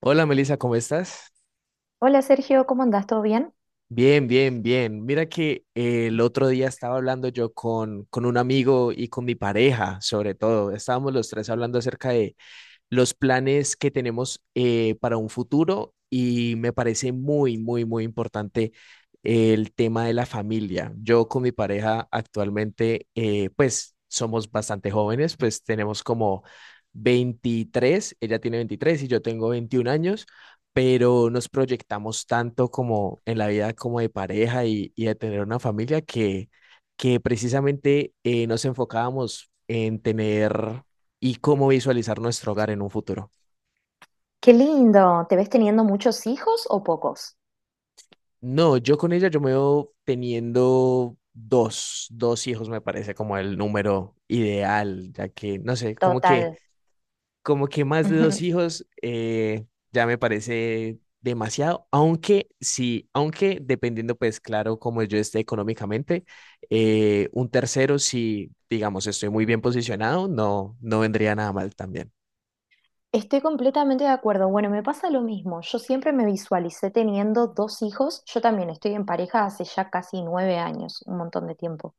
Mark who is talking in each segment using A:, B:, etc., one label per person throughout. A: Hola Melissa, ¿cómo estás?
B: Hola Sergio, ¿cómo andás? ¿Todo bien?
A: Bien, bien, bien. Mira que el otro día estaba hablando yo con un amigo y con mi pareja, sobre todo. Estábamos los tres hablando acerca los planes que tenemos, para un futuro, y me parece muy, muy, muy importante el tema de la familia. Yo con mi pareja actualmente, pues somos bastante jóvenes. Pues tenemos como 23, ella tiene 23 y yo tengo 21 años, pero nos proyectamos tanto como en la vida, como de pareja, y de tener una familia, que precisamente, nos enfocábamos en tener y cómo visualizar nuestro hogar en un futuro.
B: Qué lindo. ¿Te ves teniendo muchos hijos o pocos?
A: No, yo con ella yo me veo teniendo dos hijos, me parece como el número ideal, ya que, no sé, como que,
B: Total.
A: como que más de dos
B: Ujú.
A: hijos, ya me parece demasiado. Aunque sí, aunque dependiendo, pues claro, como yo esté económicamente, un tercero, si digamos estoy muy bien posicionado, no, no vendría nada mal también.
B: Estoy completamente de acuerdo. Bueno, me pasa lo mismo. Yo siempre me visualicé teniendo dos hijos. Yo también estoy en pareja hace ya casi 9 años, un montón de tiempo.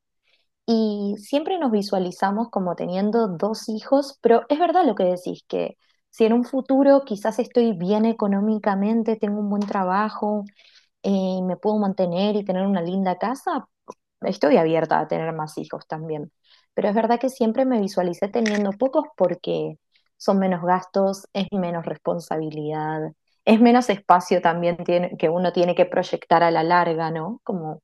B: Y siempre nos visualizamos como teniendo dos hijos, pero es verdad lo que decís, que si en un futuro quizás estoy bien económicamente, tengo un buen trabajo, me puedo mantener y tener una linda casa, estoy abierta a tener más hijos también, pero es verdad que siempre me visualicé teniendo pocos porque son menos gastos, es menos responsabilidad, es menos espacio también tiene, que uno tiene que proyectar a la larga, ¿no? Como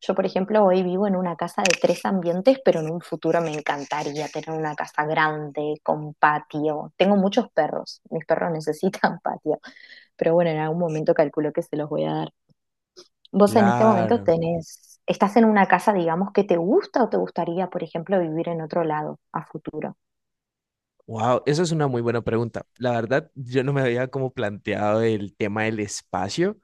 B: yo, por ejemplo, hoy vivo en una casa de tres ambientes, pero en un futuro me encantaría tener una casa grande, con patio. Tengo muchos perros, mis perros necesitan patio, pero bueno, en algún momento calculo que se los voy a dar. Vos en este momento
A: Claro.
B: tenés, estás en una casa, digamos, que te gusta o te gustaría, por ejemplo, vivir en otro lado a futuro.
A: Wow, eso es una muy buena pregunta. La verdad, yo no me había como planteado el tema del espacio.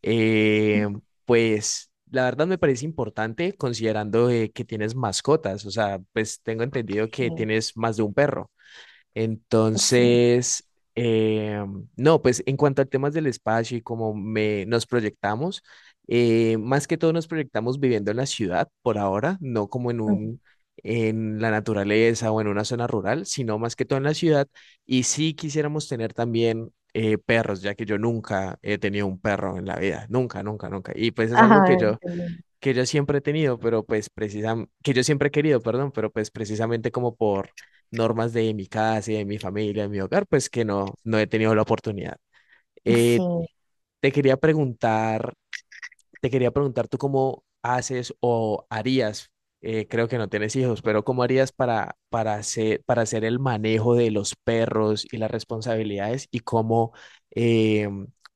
A: Eh, pues la verdad me parece importante, considerando, que tienes mascotas. O sea, pues tengo entendido
B: Sí,
A: que tienes más de un perro.
B: sí.
A: Entonces, eh, no, pues en cuanto a temas del espacio y nos proyectamos, más que todo nos proyectamos viviendo en la ciudad por ahora, no como en en la naturaleza o en una zona rural, sino más que todo en la ciudad. Y sí quisiéramos tener también, perros, ya que yo nunca he tenido un perro en la vida, nunca, nunca, nunca. Y pues es algo que
B: Ah,
A: yo
B: qué bien.
A: que yo siempre he tenido, pero pues precisamente, que yo siempre he querido, perdón, pero pues precisamente como por normas de mi casa y de mi familia, de mi hogar, pues que no he tenido la oportunidad. Eh,
B: Sí,
A: te quería preguntar te quería preguntar tú cómo haces o harías, creo que no tienes hijos, pero cómo harías para, para hacer el manejo de los perros y las responsabilidades y eh,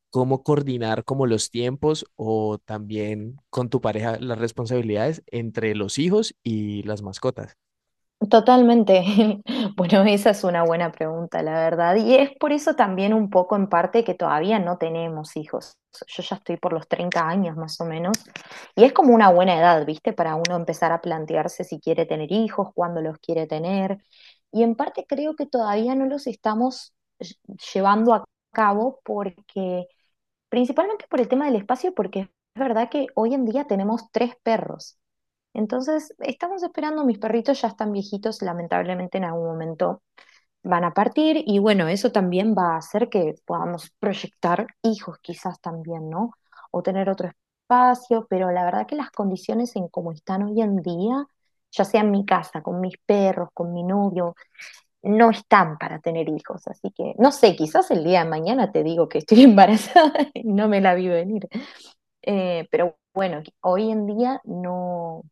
A: cómo coordinar como los tiempos, o también con tu pareja, las responsabilidades entre los hijos y las mascotas.
B: totalmente. Bueno, esa es una buena pregunta, la verdad. Y es por eso también un poco en parte que todavía no tenemos hijos. Yo ya estoy por los 30 años más o menos. Y es como una buena edad, ¿viste? Para uno empezar a plantearse si quiere tener hijos, cuándo los quiere tener. Y en parte creo que todavía no los estamos llevando a cabo porque, principalmente por el tema del espacio, porque es verdad que hoy en día tenemos tres perros. Entonces, estamos esperando, mis perritos ya están viejitos, lamentablemente en algún momento van a partir y bueno, eso también va a hacer que podamos proyectar hijos quizás también, ¿no? O tener otro espacio, pero la verdad que las condiciones en cómo están hoy en día, ya sea en mi casa, con mis perros, con mi novio, no están para tener hijos, así que no sé, quizás el día de mañana te digo que estoy embarazada y no me la vi venir. Pero bueno, hoy en día no,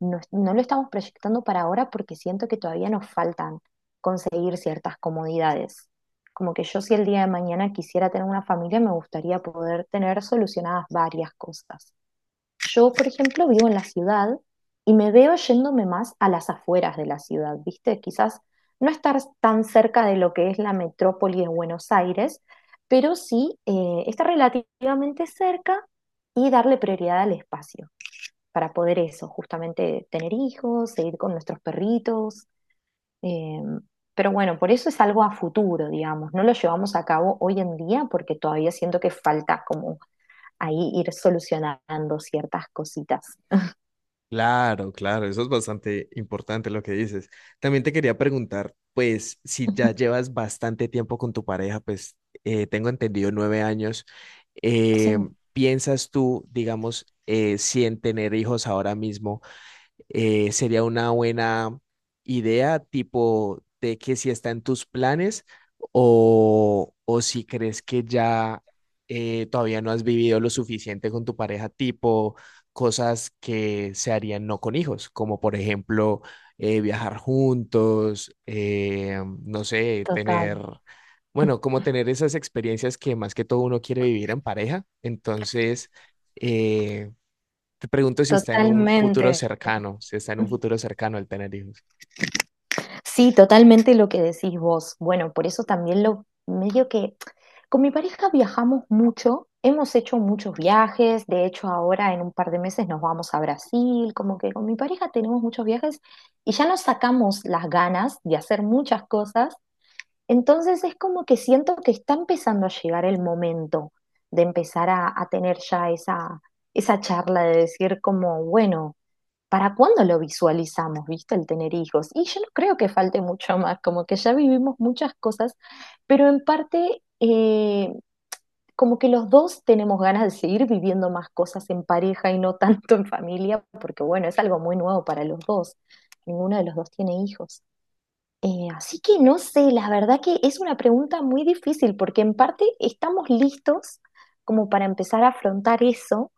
B: no, no lo estamos proyectando para ahora porque siento que todavía nos faltan conseguir ciertas comodidades. Como que yo si el día de mañana quisiera tener una familia, me gustaría poder tener solucionadas varias cosas. Yo, por ejemplo, vivo en la ciudad y me veo yéndome más a las afueras de la ciudad, ¿viste? Quizás no estar tan cerca de lo que es la metrópoli de Buenos Aires, pero sí estar relativamente cerca y darle prioridad al espacio para poder eso, justamente tener hijos, seguir con nuestros perritos. eh, pero bueno, por eso es algo a futuro, digamos, no lo llevamos a cabo hoy en día porque todavía siento que falta como ahí ir solucionando ciertas cositas.
A: Claro, claro, eso es bastante importante lo que dices. También te quería preguntar, pues, si ya llevas bastante tiempo con tu pareja, pues, tengo entendido 9 años. eh,
B: Sí,
A: ¿Piensas tú, digamos, si en tener hijos ahora mismo, sería una buena idea, tipo de que si está en tus planes, o si crees que ya, todavía no has vivido lo suficiente con tu pareja, tipo cosas que se harían no con hijos, como por ejemplo, viajar juntos, no sé, tener?
B: total.
A: Bueno, como tener esas experiencias que más que todo uno quiere vivir en pareja. Entonces, eh, te pregunto si está en un
B: Totalmente,
A: futuro cercano, si está en un futuro cercano el tener hijos.
B: sí, totalmente lo que decís vos. Bueno, por eso también lo medio que. Con mi pareja viajamos mucho, hemos hecho muchos viajes, de hecho ahora en un par de meses nos vamos a Brasil, como que con mi pareja tenemos muchos viajes y ya nos sacamos las ganas de hacer muchas cosas, entonces es como que siento que está empezando a llegar el momento de empezar a tener ya esa charla de decir como, bueno, ¿para cuándo lo visualizamos, viste, el tener hijos? Y yo no creo que falte mucho más, como que ya vivimos muchas cosas, pero en parte, como que los dos tenemos ganas de seguir viviendo más cosas en pareja y no tanto en familia, porque bueno, es algo muy nuevo para los dos. Ninguno de los dos tiene hijos. Así que no sé, la verdad que es una pregunta muy difícil, porque en parte estamos listos como para empezar a afrontar eso,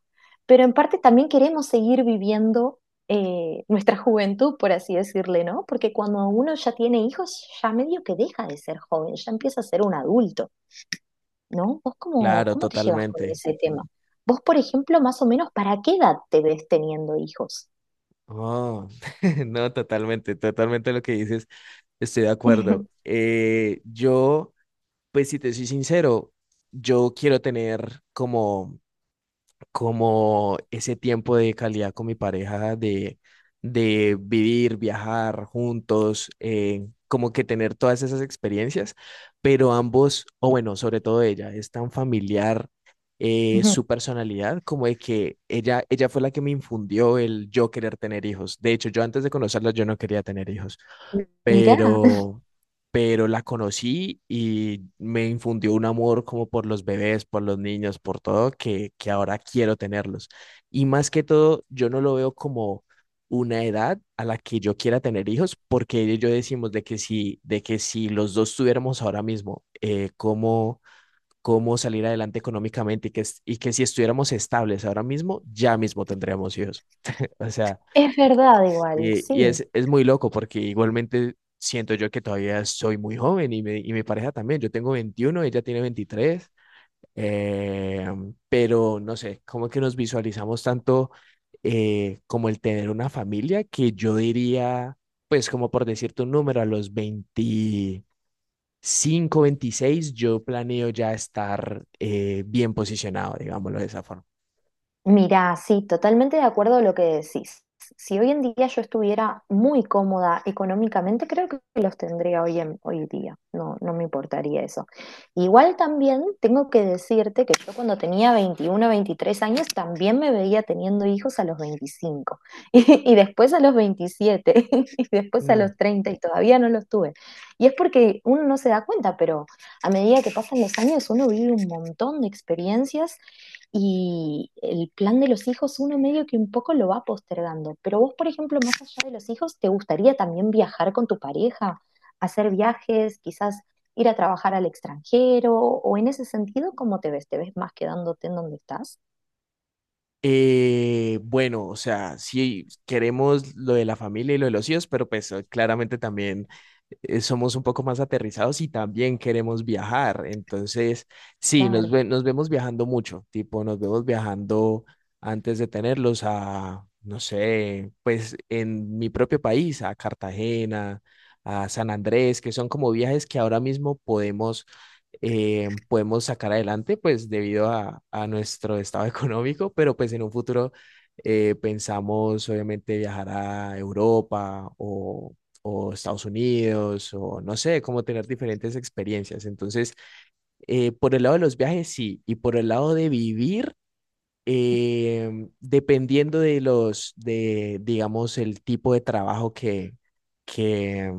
B: pero en parte también queremos seguir viviendo nuestra juventud, por así decirle, ¿no? Porque cuando uno ya tiene hijos, ya medio que deja de ser joven, ya empieza a ser un adulto. ¿No? ¿Vos cómo,
A: Claro,
B: cómo te llevas con
A: totalmente.
B: ese tema? Vos, por ejemplo, más o menos, ¿para qué edad te ves teniendo hijos?
A: Oh, no, totalmente, totalmente lo que dices, estoy de acuerdo. Yo, pues si te soy sincero, yo quiero tener como ese tiempo de calidad con mi pareja, de vivir, viajar juntos, como que tener todas esas experiencias, pero ambos, o bueno, sobre todo ella, es tan familiar,
B: Ujú.
A: su personalidad, como de que ella fue la que me infundió el yo querer tener hijos. De hecho, yo antes de conocerla, yo no quería tener hijos,
B: Mirá,
A: pero, pero la conocí y me infundió un amor como por los bebés, por los niños, por todo, que ahora quiero tenerlos. Y más que todo, yo no lo veo como una edad a la que yo quiera tener hijos, porque ella y yo decimos de que si los dos tuviéramos ahora mismo, cómo salir adelante económicamente, y que si estuviéramos estables ahora mismo, ya mismo tendríamos hijos. O sea,
B: es verdad igual,
A: y,
B: sí.
A: y es, muy loco, porque igualmente siento yo que todavía soy muy joven, y mi pareja también. Yo tengo 21, ella tiene veintitrés, eh, pero no sé, como que nos visualizamos tanto, como el tener una familia, que yo diría, pues como por decirte un número, a los 25, 26, yo planeo ya estar, bien posicionado, digámoslo de esa forma.
B: Mirá, sí, totalmente de acuerdo a lo que decís. Si hoy en día yo estuviera muy cómoda económicamente, creo que los tendría hoy en hoy día. No, no me importaría eso. Igual también tengo que decirte que yo cuando tenía 21, 23 años también me veía teniendo hijos a los 25 y después a los 27 y después a
A: Mm.
B: los 30 y todavía no los tuve. Y es porque uno no se da cuenta, pero a medida que pasan los años uno vive un montón de experiencias y el plan de los hijos, uno medio que un poco lo va postergando. Pero vos, por ejemplo, más allá de los hijos, ¿te gustaría también viajar con tu pareja? ¿Hacer viajes? Quizás ir a trabajar al extranjero o en ese sentido, ¿cómo te ves? ¿Te ves más quedándote en donde estás?
A: Bueno, o sea, sí queremos lo de la familia y lo de los hijos, pero pues, claramente también, somos un poco más aterrizados y también queremos viajar. Entonces, sí,
B: Claro.
A: nos vemos viajando mucho, tipo, nos vemos viajando antes de tenerlos, no sé, pues en mi propio país, a Cartagena, a San Andrés, que son como viajes que ahora mismo podemos sacar adelante, pues debido a nuestro estado económico, pero pues en un futuro, pensamos obviamente viajar a Europa, o Estados Unidos, o no sé, como tener diferentes experiencias. Entonces, por el lado de los viajes, sí, y por el lado de vivir. Dependiendo de digamos, el tipo de trabajo que,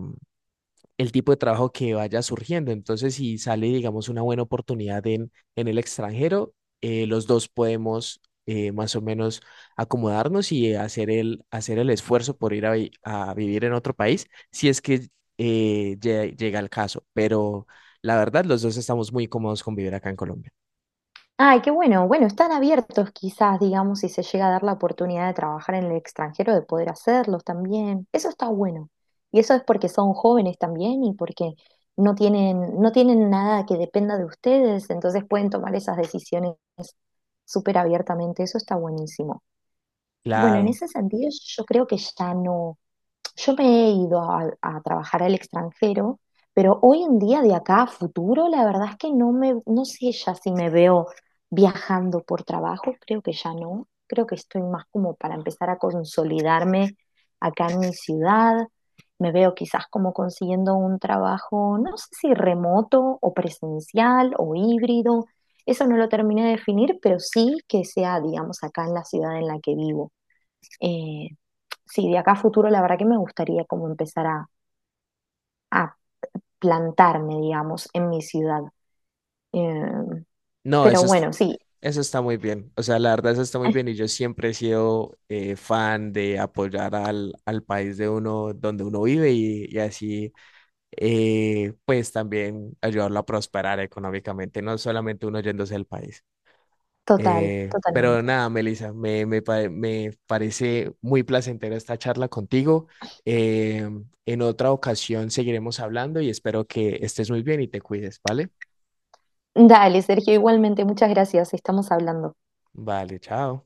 A: que vaya surgiendo. Entonces, si sale, digamos, una buena oportunidad en el extranjero, los dos podemos, más o menos acomodarnos, y hacer el esfuerzo por ir a vivir en otro país, si es que, llega el caso. Pero la verdad, los dos estamos muy cómodos con vivir acá en Colombia.
B: Ay, qué bueno. Bueno, están abiertos quizás, digamos, si se llega a dar la oportunidad de trabajar en el extranjero, de poder hacerlos también. Eso está bueno. Y eso es porque son jóvenes también y porque no tienen nada que dependa de ustedes, entonces pueden tomar esas decisiones súper abiertamente. Eso está buenísimo. Bueno, en
A: Claro.
B: ese sentido yo creo que ya no. Yo me he ido a trabajar al extranjero, pero hoy en día, de acá a futuro, la verdad es que no sé ya si me veo viajando por trabajo, creo que ya no. Creo que estoy más como para empezar a consolidarme acá en mi ciudad. Me veo quizás como consiguiendo un trabajo, no sé si remoto o presencial o híbrido. Eso no lo terminé de definir, pero sí que sea, digamos, acá en la ciudad en la que vivo. Eh, sí, de acá a futuro la verdad que me gustaría como empezar a plantarme, digamos, en mi ciudad. Eh,
A: No,
B: pero bueno, sí,
A: eso está muy bien. O sea, la verdad, eso está muy bien. Y yo siempre he sido, fan de apoyar al país de uno, donde uno vive, y así, pues también ayudarlo a prosperar económicamente, no solamente uno yéndose del país.
B: total,
A: Pero
B: totalmente.
A: nada, Melissa, me parece muy placentera esta charla contigo. Eh, en otra ocasión seguiremos hablando, y espero que estés muy bien y te cuides, ¿vale?
B: Dale, Sergio, igualmente, muchas gracias, estamos hablando.
A: Vale, chao.